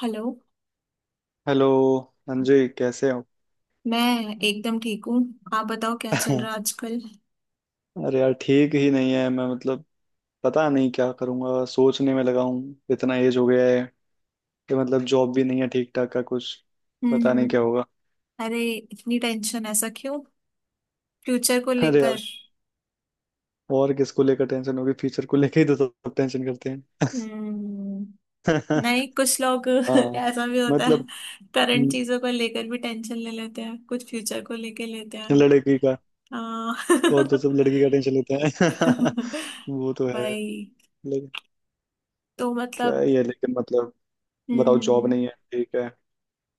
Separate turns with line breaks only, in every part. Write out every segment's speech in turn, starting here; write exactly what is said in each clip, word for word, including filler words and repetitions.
Hello.
Hello. Anjay कैसे हो?
मैं एकदम ठीक हूँ। आप बताओ क्या चल रहा है आजकल।
अरे यार, ठीक ही नहीं है। मैं, मतलब, पता नहीं क्या करूंगा। सोचने में लगा हूँ, इतना एज हो गया है कि मतलब जॉब भी नहीं है ठीक ठाक का कुछ।
हम्म
पता नहीं
हम्म।
क्या होगा।
अरे इतनी टेंशन ऐसा क्यों, फ्यूचर को
अरे
लेकर?
यार, और किसको लेकर टेंशन होगी? फ्यूचर को लेकर ही तो सब टेंशन करते हैं।
हम्म। नहीं, कुछ लोग
हाँ,
ऐसा भी होता है।
मतलब,
करंट
हम्म,
चीजों को लेकर भी टेंशन ले लेते हैं कुछ, फ्यूचर को लेकर लेते हैं।
लड़की का।
हाँ
और तो सब लड़की का टेंशन लेते हैं। वो तो है।
भाई
लेकिन
तो
क्या
मतलब।
ही है, लेकिन मतलब बताओ,
हम्म
जॉब
हम्म,
नहीं है, ठीक है।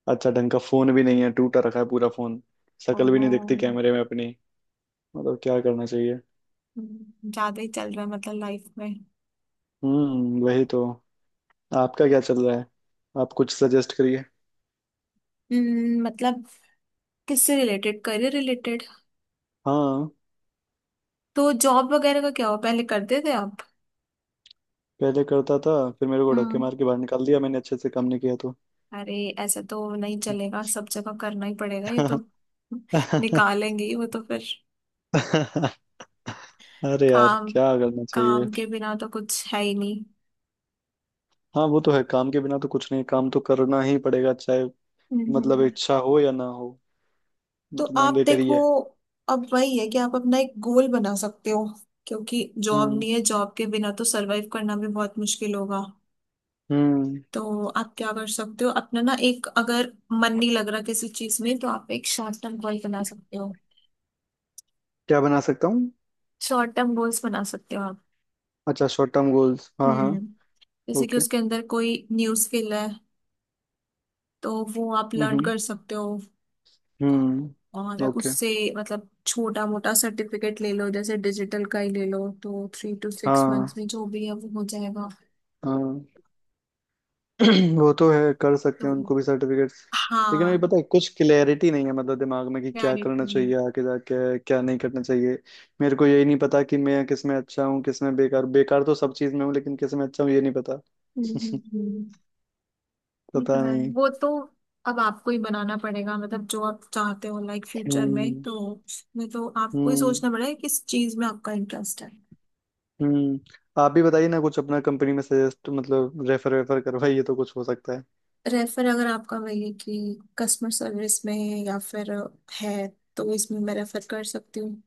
अच्छा ढंग का फोन भी नहीं है, टूटा रखा है पूरा फोन। शक्ल भी
ओहो।
नहीं दिखती कैमरे में अपनी। मतलब क्या करना चाहिए?
हम्म, ज्यादा ही चल रहा है मतलब लाइफ में।
हम्म, वही तो। आपका क्या चल रहा है? आप कुछ सजेस्ट करिए।
हम्म मतलब किससे रिलेटेड, करियर रिलेटेड?
हाँ,
तो जॉब वगैरह का क्या हुआ, पहले करते थे आप?
पहले करता था। फिर मेरे को धक्के
हम्म।
मार के बाहर निकाल दिया, मैंने अच्छे से काम नहीं किया तो।
अरे ऐसा तो नहीं चलेगा, सब जगह करना ही पड़ेगा ये तो, निकालेंगे ही वो तो फिर।
अरे यार,
काम,
क्या करना चाहिए?
काम के बिना तो कुछ है ही नहीं।
हाँ, वो तो है, काम के बिना तो कुछ नहीं, काम तो करना ही पड़ेगा चाहे, मतलब,
हम्म।
इच्छा हो या ना हो। वो
तो
तो
आप
मैंडेटरी
देखो,
है।
अब वही है कि आप अपना एक गोल बना सकते हो, क्योंकि जॉब
हम्म
नहीं है, जॉब के बिना तो सरवाइव करना भी बहुत मुश्किल होगा।
हम्म।
तो आप क्या कर सकते हो अपना ना, एक अगर मन नहीं लग रहा किसी चीज में तो आप एक शॉर्ट टर्म गोल बना सकते हो।
क्या बना सकता हूँ?
शॉर्ट टर्म गोल्स बना सकते हो।
अच्छा, शॉर्ट टर्म गोल्स, हाँ।
हम्म। जैसे कि
हाँ।
उसके अंदर कोई न्यू स्किल है तो वो आप लर्न
हम्म
कर सकते हो।
हम्म,
और
ओके।
उससे मतलब छोटा मोटा सर्टिफिकेट ले लो, जैसे डिजिटल का ही ले लो तो थ्री टू सिक्स मंथ्स
हाँ
में जो भी है वो हो जाएगा।
हाँ। वो तो है, कर सकते
तो
हैं उनको भी सर्टिफिकेट्स। लेकिन अभी
हाँ,
पता है, कुछ क्लैरिटी नहीं है मतलब दिमाग में कि क्या करना
क्लैरिटी।
चाहिए आगे जाके, क्या नहीं करना चाहिए। मेरे को यही नहीं पता कि मैं किस में अच्छा हूँ, किस में बेकार। बेकार तो सब चीज में हूँ, लेकिन किस में अच्छा हूँ ये नहीं पता।
हम्म हम्म, हम्म। ये तो
पता
है,
नहीं।
वो तो अब आपको ही बनाना पड़ेगा मतलब जो आप चाहते हो लाइक फ्यूचर में,
हम्म
तो उसमें तो आपको ही
हम्म
सोचना पड़ेगा किस चीज में आपका इंटरेस्ट है।
हम्म। आप भी बताइए ना कुछ अपना, कंपनी में सजेस्ट मतलब रेफर वेफर करवाइए तो कुछ हो सकता है।
रेफर, अगर आपका वही कि कस्टमर सर्विस में या फिर है, तो इसमें मैं रेफर कर सकती हूँ।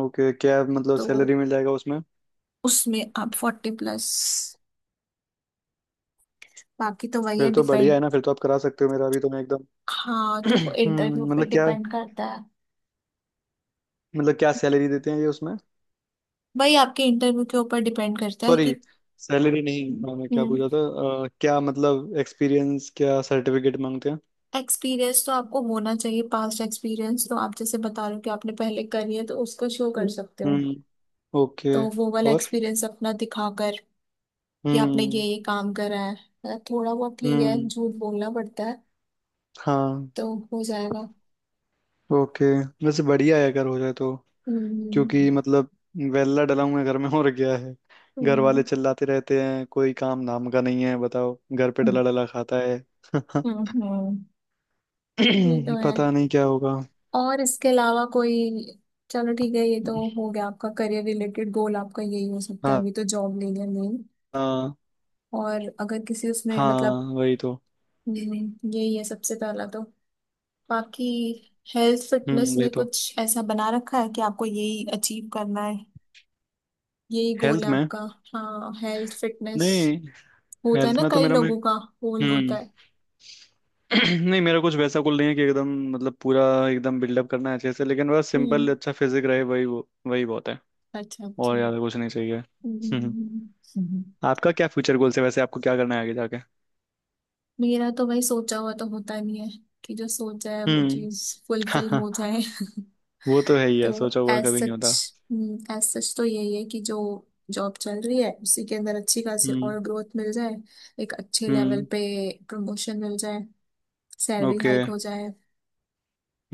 ओके, क्या मतलब
तो
सैलरी मिल जाएगा?
उसमें आप फोर्टी प्लस, बाकी तो वही
फिर
है
तो बढ़िया
डिपेंड।
है ना, फिर तो आप करा सकते हो, मेरा अभी तो मैं एकदम।
हाँ, तो वो इंटरव्यू
हम्म,
पे
मतलब क्या,
डिपेंड करता है।
मतलब क्या सैलरी देते हैं ये उसमें?
वही आपके इंटरव्यू के ऊपर डिपेंड करता है
सॉरी,
कि।
सैलरी नहीं। हाँ, मैं क्या
हम्म।
पूछा था। अ, क्या मतलब एक्सपीरियंस, क्या सर्टिफिकेट मांगते हैं?
एक्सपीरियंस तो आपको होना चाहिए, पास्ट एक्सपीरियंस तो आप जैसे बता रहे हो कि आपने पहले करी है तो उसको शो कर सकते हो।
हम्म, ओके।
तो वो वाला
और,
एक्सपीरियंस अपना दिखाकर कि आपने ये
हम्म
ये काम करा है मतलब। थोड़ा बहुत ठीक है,
हम्म,
झूठ बोलना पड़ता है।
हाँ,
तो हो जाएगा।
ओके। वैसे बढ़िया है अगर हो जाए तो।
हम्म
क्योंकि मतलब वेल्ला डला हुआ है घर में, और क्या है। घर वाले
हम्म।
चिल्लाते रहते हैं, कोई काम नाम का नहीं है, बताओ घर पे डला डला खाता है।
हम्म हम्म, ये तो है।
पता नहीं क्या होगा।
और इसके अलावा कोई, चलो ठीक है, ये तो हो गया आपका करियर रिलेटेड गोल, आपका यही हो सकता है
हाँ
अभी तो, जॉब ले लिया नहीं।
हाँ।
और अगर किसी उसमें
हाँ,
मतलब,
वही तो।
हम्म, यही है सबसे पहला तो। बाकी हेल्थ फिटनेस
हम्म, वही
में
तो।
कुछ ऐसा बना रखा है कि आपको यही अचीव करना है? यही गोल
हेल्थ
है
में?
आपका? हाँ, हेल्थ फिटनेस।
नहीं,
होता है
हेल्थ
ना,
में तो
कई
मेरा, मैं,
लोगों का गोल
हम्म,
होता है।
नहीं मेरा कुछ वैसा कुल नहीं है कि एकदम मतलब पूरा एकदम बिल्डअप करना है अच्छे से, लेकिन बस सिंपल
हम्म।
अच्छा फिजिक रहे, वही वो, वही बहुत है।
अच्छा अच्छा।
और ज्यादा कुछ नहीं चाहिए। हम्म।
हम्म। हम्म।
आपका क्या फ्यूचर गोल्स है वैसे? आपको क्या करना है आगे जाके?
मेरा तो भाई सोचा हुआ तो होता नहीं है कि जो सोचा है वो
हम्म।
चीज
हाँ
फुलफिल
हाँ,
हो जाए
वो तो है ही है,
तो
सोचा हुआ
एज
कभी नहीं होता।
सच, एज सच तो यही है कि जो जॉब चल रही है उसी के अंदर अच्छी खासी
हम्म
और ग्रोथ मिल जाए, एक अच्छे लेवल
हम्म,
पे प्रमोशन मिल जाए, सैलरी
ओके।
हाइक हो जाए।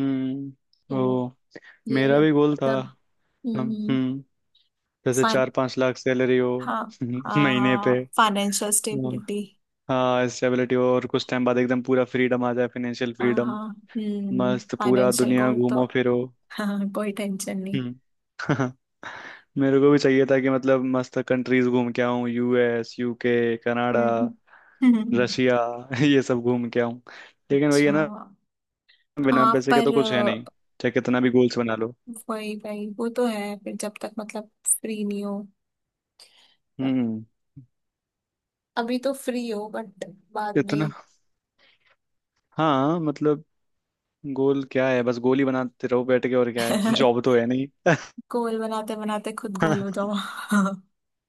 हम्म, ओ।
तो ये
मेरा
है,
भी गोल था।
मतलब।
हम- हम्म, जैसे
फाइन।
चार पांच लाख सैलरी हो
हाँ। हाँ
महीने पे।
हाँ, फाइनेंशियल
हाँ।
स्टेबिलिटी।
हाँ, स्टेबिलिटी हो और कुछ टाइम बाद एकदम पूरा फ्रीडम आ जाए, फाइनेंशियल
हाँ
फ्रीडम।
हाँ। हम्म,
मस्त पूरा
फाइनेंशियल
दुनिया
गोल तो।
घूमो फिरो।
हाँ, कोई टेंशन नहीं।
हम्म। मेरे को भी चाहिए था कि मतलब मस्त कंट्रीज घूम के आऊँ, यू एस यू के कनाडा
हम्म हम्म,
रशिया। ये सब घूम के आऊँ। लेकिन वही है
अच्छा।
ना, बिना
हाँ
पैसे के तो
पर
कुछ है नहीं,
अ,
चाहे कितना भी गोल्स बना लो।
वही वही, वो तो है फिर, जब तक मतलब फ्री नहीं हो मतलब।
हम्म।
अभी तो फ्री हो बट बाद
इतना,
में।
हाँ, मतलब गोल क्या है, बस गोल ही बनाते रहो बैठ के, और क्या है। जॉब तो है नहीं।
गोल बनाते बनाते खुद गोल हो जाओ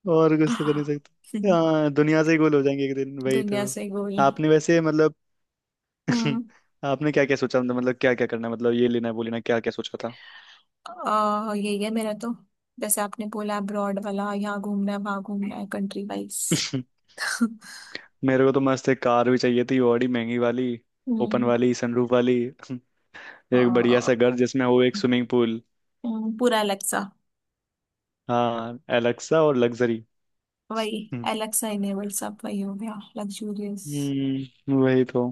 और कुछ तो कर नहीं सकते। हाँ, दुनिया से ही गोल हो जाएंगे एक दिन, वही तो।
दुनिया से गोल।
आपने वैसे मतलब
हम्म,
आपने क्या क्या सोचा, मतलब क्या क्या करना है, मतलब ये लेना है वो लेना है, क्या क्या सोचा था?
अ, यही है मेरा तो, जैसे आपने बोला अब्रॉड वाला, यहाँ घूमना है वहां घूमना है कंट्री वाइज
मेरे को तो मस्त एक कार भी चाहिए थी, बड़ी महंगी वाली, ओपन
हम्म।
वाली, सनरूफ वाली। एक बढ़िया सा
अ,
घर जिसमें हो एक स्विमिंग पूल।
हम्म, पूरा एलेक्सा।
हाँ, एलेक्सा और लग्जरी।
वही, एलेक्सा इनेबल सब वही हो गया लग्जूरियस।
हम्म, वही तो।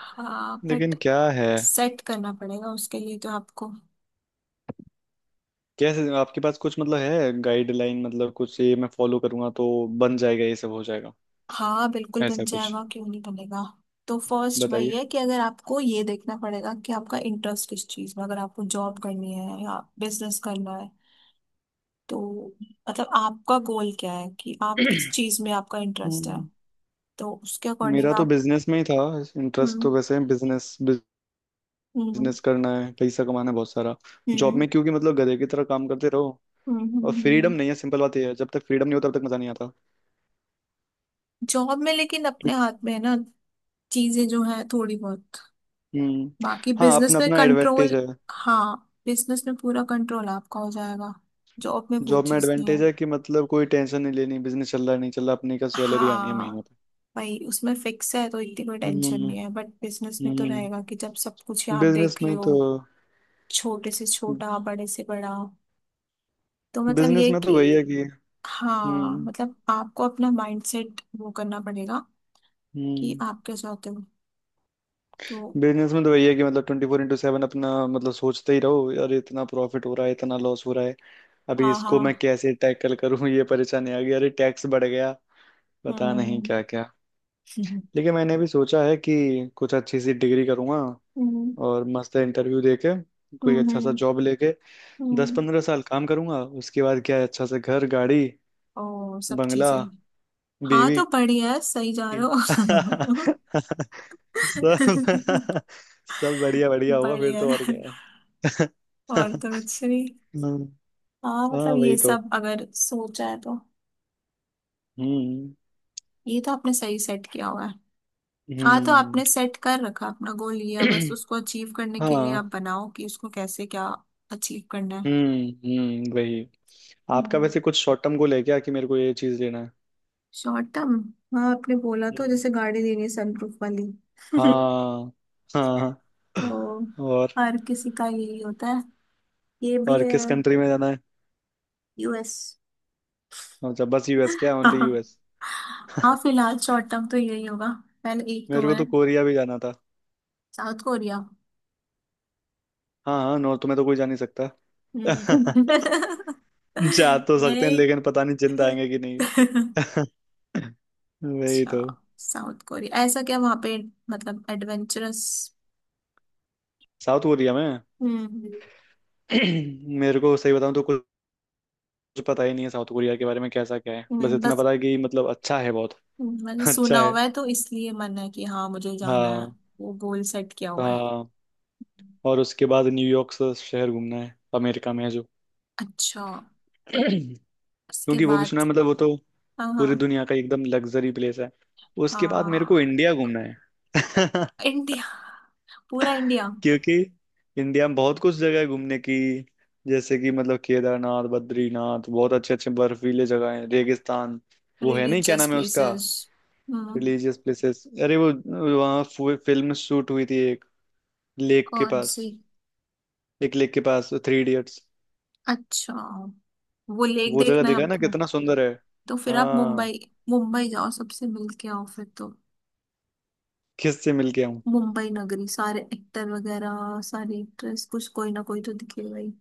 हाँ
लेकिन
बट
क्या है,
सेट करना पड़ेगा उसके लिए तो आपको।
कैसे आपके पास कुछ मतलब है गाइडलाइन, मतलब कुछ ये मैं फॉलो करूंगा तो बन जाएगा, ये सब हो जाएगा,
हाँ बिल्कुल
ऐसा
बन
कुछ
जाएगा, क्यों नहीं बनेगा? तो फर्स्ट वही
बताइए।
है कि अगर आपको ये देखना पड़ेगा कि आपका इंटरेस्ट किस चीज़ में, अगर आपको जॉब करनी है या बिजनेस करना है। तो मतलब आपका गोल क्या है कि आप किस चीज़ में, आपका इंटरेस्ट है।
हम्म,
तो उसके
मेरा
अकॉर्डिंग
तो
आप।
बिजनेस में ही था, इंटरेस्ट
हम्म
तो वैसे, बिजनेस।
हम्म।
बिजनेस करना है, पैसा कमाना है बहुत सारा।
हम्म
जॉब
हम्म
में क्योंकि मतलब गधे की तरह काम करते रहो,
हम्म,
और
हम्म,
फ्रीडम
हम्म,
नहीं है। सिंपल बात यह है, जब तक फ्रीडम नहीं होता तब तक मजा नहीं आता।
जॉब में लेकिन अपने हाथ में है ना चीजें जो है थोड़ी बहुत,
हम्म।
बाकी
हाँ,
बिजनेस
अपना
में
अपना एडवांटेज
कंट्रोल।
है।
हाँ, बिजनेस में पूरा कंट्रोल आपका हो जाएगा, जॉब में वो
जॉब में
चीज नहीं है।
एडवांटेज है कि मतलब कोई टेंशन नहीं लेनी, बिजनेस चल रहा है नहीं चल रहा, अपने का सैलरी आनी है
हाँ
महीने पे।
भाई, उसमें फिक्स है तो इतनी कोई
हम्म
टेंशन नहीं है, बट बिजनेस में तो
हम्म।
रहेगा कि जब सब कुछ ही आप
बिजनेस
देख रहे
में
हो,
तो,
छोटे से छोटा बड़े से बड़ा। तो मतलब
बिजनेस
ये
में तो वही है
कि
कि,
हाँ,
हम्म
मतलब आपको अपना माइंडसेट वो करना पड़ेगा कि
हम्म,
आप क्या चाहते हो। तो
बिजनेस में तो वही है कि मतलब ट्वेंटी फोर इंटू सेवन अपना मतलब सोचते ही रहो, यार इतना प्रॉफिट हो रहा है, इतना लॉस हो रहा है, अभी
हाँ
इसको मैं
हाँ।
कैसे टैकल करूं। ये परेशानी आ गई, अरे टैक्स बढ़ गया, पता
हम्म
नहीं क्या क्या। लेकिन मैंने भी सोचा है कि कुछ अच्छी सी डिग्री करूंगा
हम्म
और मस्त इंटरव्यू देके कोई
हम्म
अच्छा सा
हम्म
जॉब लेके दस
हम्म।
पंद्रह साल काम करूंगा, उसके बाद क्या है, अच्छा सा घर, गाड़ी,
ओ सब
बंगला,
चीजें। हाँ
बीवी।
तो बढ़िया है, सही जा रहे हो
सब, सब बढ़िया बढ़िया होगा फिर
बढ़िया
तो, और
है।
क्या है।
और
हाँ,
तो कुछ नहीं। हाँ
हाँ,
मतलब
वही
ये
तो।
सब अगर सोचा है तो,
हम्म
ये तो आपने सही सेट किया हुआ है। हाँ तो
हम्म।
आपने सेट कर रखा अपना गोल लिया, बस उसको अचीव करने के लिए
हाँ।
आप बनाओ कि उसको कैसे क्या अचीव करना है।
हम्म हम्म, वही। आपका वैसे कुछ शॉर्ट टर्म गोल है क्या, कि मेरे को ये चीज लेना है?
शॉर्ट टर्म, हाँ आपने बोला तो,
हम्म,
जैसे गाड़ी लेनी है सनप्रूफ वाली
हाँ हाँ।
तो
और
हर किसी का यही होता है, ये भी
और किस
है।
कंट्री में जाना है?
यूएस।
अच्छा, बस यू एस क्या, ओनली
हाँ
यू एस?
हाँ फिलहाल शॉर्ट टर्म तो यही होगा, पहले एक तो
मेरे को तो
है।
कोरिया भी जाना था।
South Korea.
हाँ हाँ, नॉर्थ में तो कोई जा नहीं सकता।
हम्म।
जा तो सकते हैं
नहीं,
लेकिन पता नहीं जिंदा आएंगे कि नहीं।
अच्छा
वही तो।
साउथ कोरिया ऐसा क्या वहां पे, मतलब एडवेंचरस?
साउथ कोरिया में
हम्म।
मेरे को सही बताऊं तो कुछ पता ही नहीं है साउथ कोरिया के बारे में, कैसा क्या है, बस
हम्म,
इतना
बस
पता है कि मतलब अच्छा है बहुत।
हम्म, मैंने सुना
अच्छा है।
हुआ है तो इसलिए मन है कि हाँ, मुझे जाना है।
हाँ
वो गोल सेट किया हुआ है।
हाँ। और उसके बाद न्यूयॉर्क से शहर घूमना है, अमेरिका में है जो।
अच्छा,
क्योंकि
उसके
वो भी सुना
बाद।
है मतलब, वो तो
हाँ
पूरी
हाँ।
दुनिया का एकदम लग्जरी प्लेस है। उसके बाद मेरे को
हाँ।
इंडिया घूमना है।
इंडिया, पूरा इंडिया।
क्योंकि इंडिया में बहुत कुछ जगह है घूमने की, जैसे कि मतलब केदारनाथ बद्रीनाथ, बहुत अच्छे अच्छे बर्फीले जगह हैं, रेगिस्तान। वो है नहीं, क्या
रिलीजियस
नाम है उसका,
प्लेसेस। हम्म।
रिलीजियस प्लेसेस, अरे वो, वहाँ फिल्म शूट हुई थी एक, लेक के
कौन
पास,
सी?
एक लेक के पास, थ्री इडियट्स।
अच्छा, वो लेक
वो जगह
देखना है
देखा ना
आपको।
कितना सुंदर है।
तो फिर आप
हाँ,
मुंबई, मुंबई जाओ सबसे मिल के आओ फिर तो।
किससे मिल के आऊँ?
मुंबई नगरी, सारे एक्टर वगैरह सारी एक्ट्रेस, कुछ कोई ना कोई तो दिखेगा ही।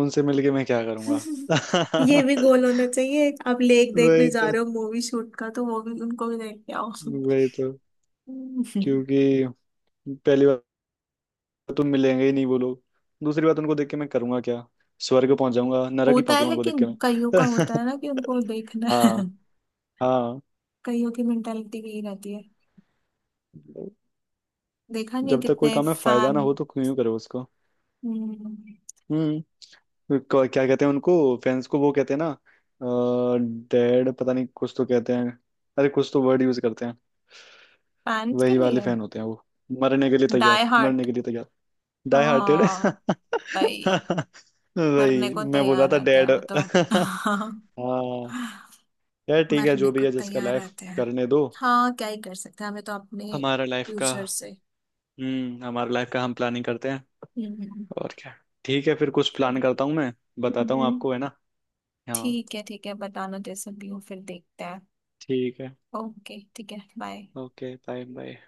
उनसे मिल के मैं क्या करूँगा?
ये भी गोल होना चाहिए, आप लेक देखने
वही
जा
तो,
रहे हो मूवी शूट का, तो वो भी, उनको भी देख के आओ
वही तो, क्योंकि पहली बार तो मिलेंगे ही नहीं वो लोग। दूसरी बात, उनको देख के मैं करूंगा क्या? स्वर्ग पहुंच जाऊंगा? नरक ही
होता
पहुंचूंगा
है
उनको देख
लेकिन,
के
कईयों का
मैं।
होता है ना कि उनको देखना है।
हाँ हाँ।
कईयों की मेंटालिटी यही रहती है, देखा नहीं है
जब तक कोई
कितने
काम में फायदा ना
फैन।
हो तो क्यों करो उसको। हम्म। क- क्या कहते हैं उनको, फैंस को वो कहते हैं ना, डेड, पता नहीं, कुछ तो कहते हैं, अरे कुछ तो वर्ड यूज करते हैं।
फैंस के
वही वाले
लिए।
फैन होते हैं वो, मरने के लिए तैयार,
डाई
मरने
हार्ट।
के लिए तैयार। Die hearted.
हाँ भाई, मरने
वही
को
मैं बोल रहा
तैयार
था,
रहते हैं
डेड।
वो तो
हाँ, यार ठीक है, जो
मरने
भी
को
है जिसका
तैयार
लाइफ,
रहते हैं।
करने दो।
हाँ, क्या ही कर सकते हैं, हमें तो अपने
हमारा लाइफ का,
फ्यूचर से।
हम्म, हमारा लाइफ का हम प्लानिंग करते हैं,
हम्म।
और क्या। ठीक है, फिर कुछ प्लान करता हूँ मैं, बताता हूँ
हम्म।
आपको, है ना। हाँ,
ठीक है ठीक है, बताना जैसे भी हो, फिर देखते हैं।
ठीक है।
ओके ठीक है, बाय।
Okay, bye bye.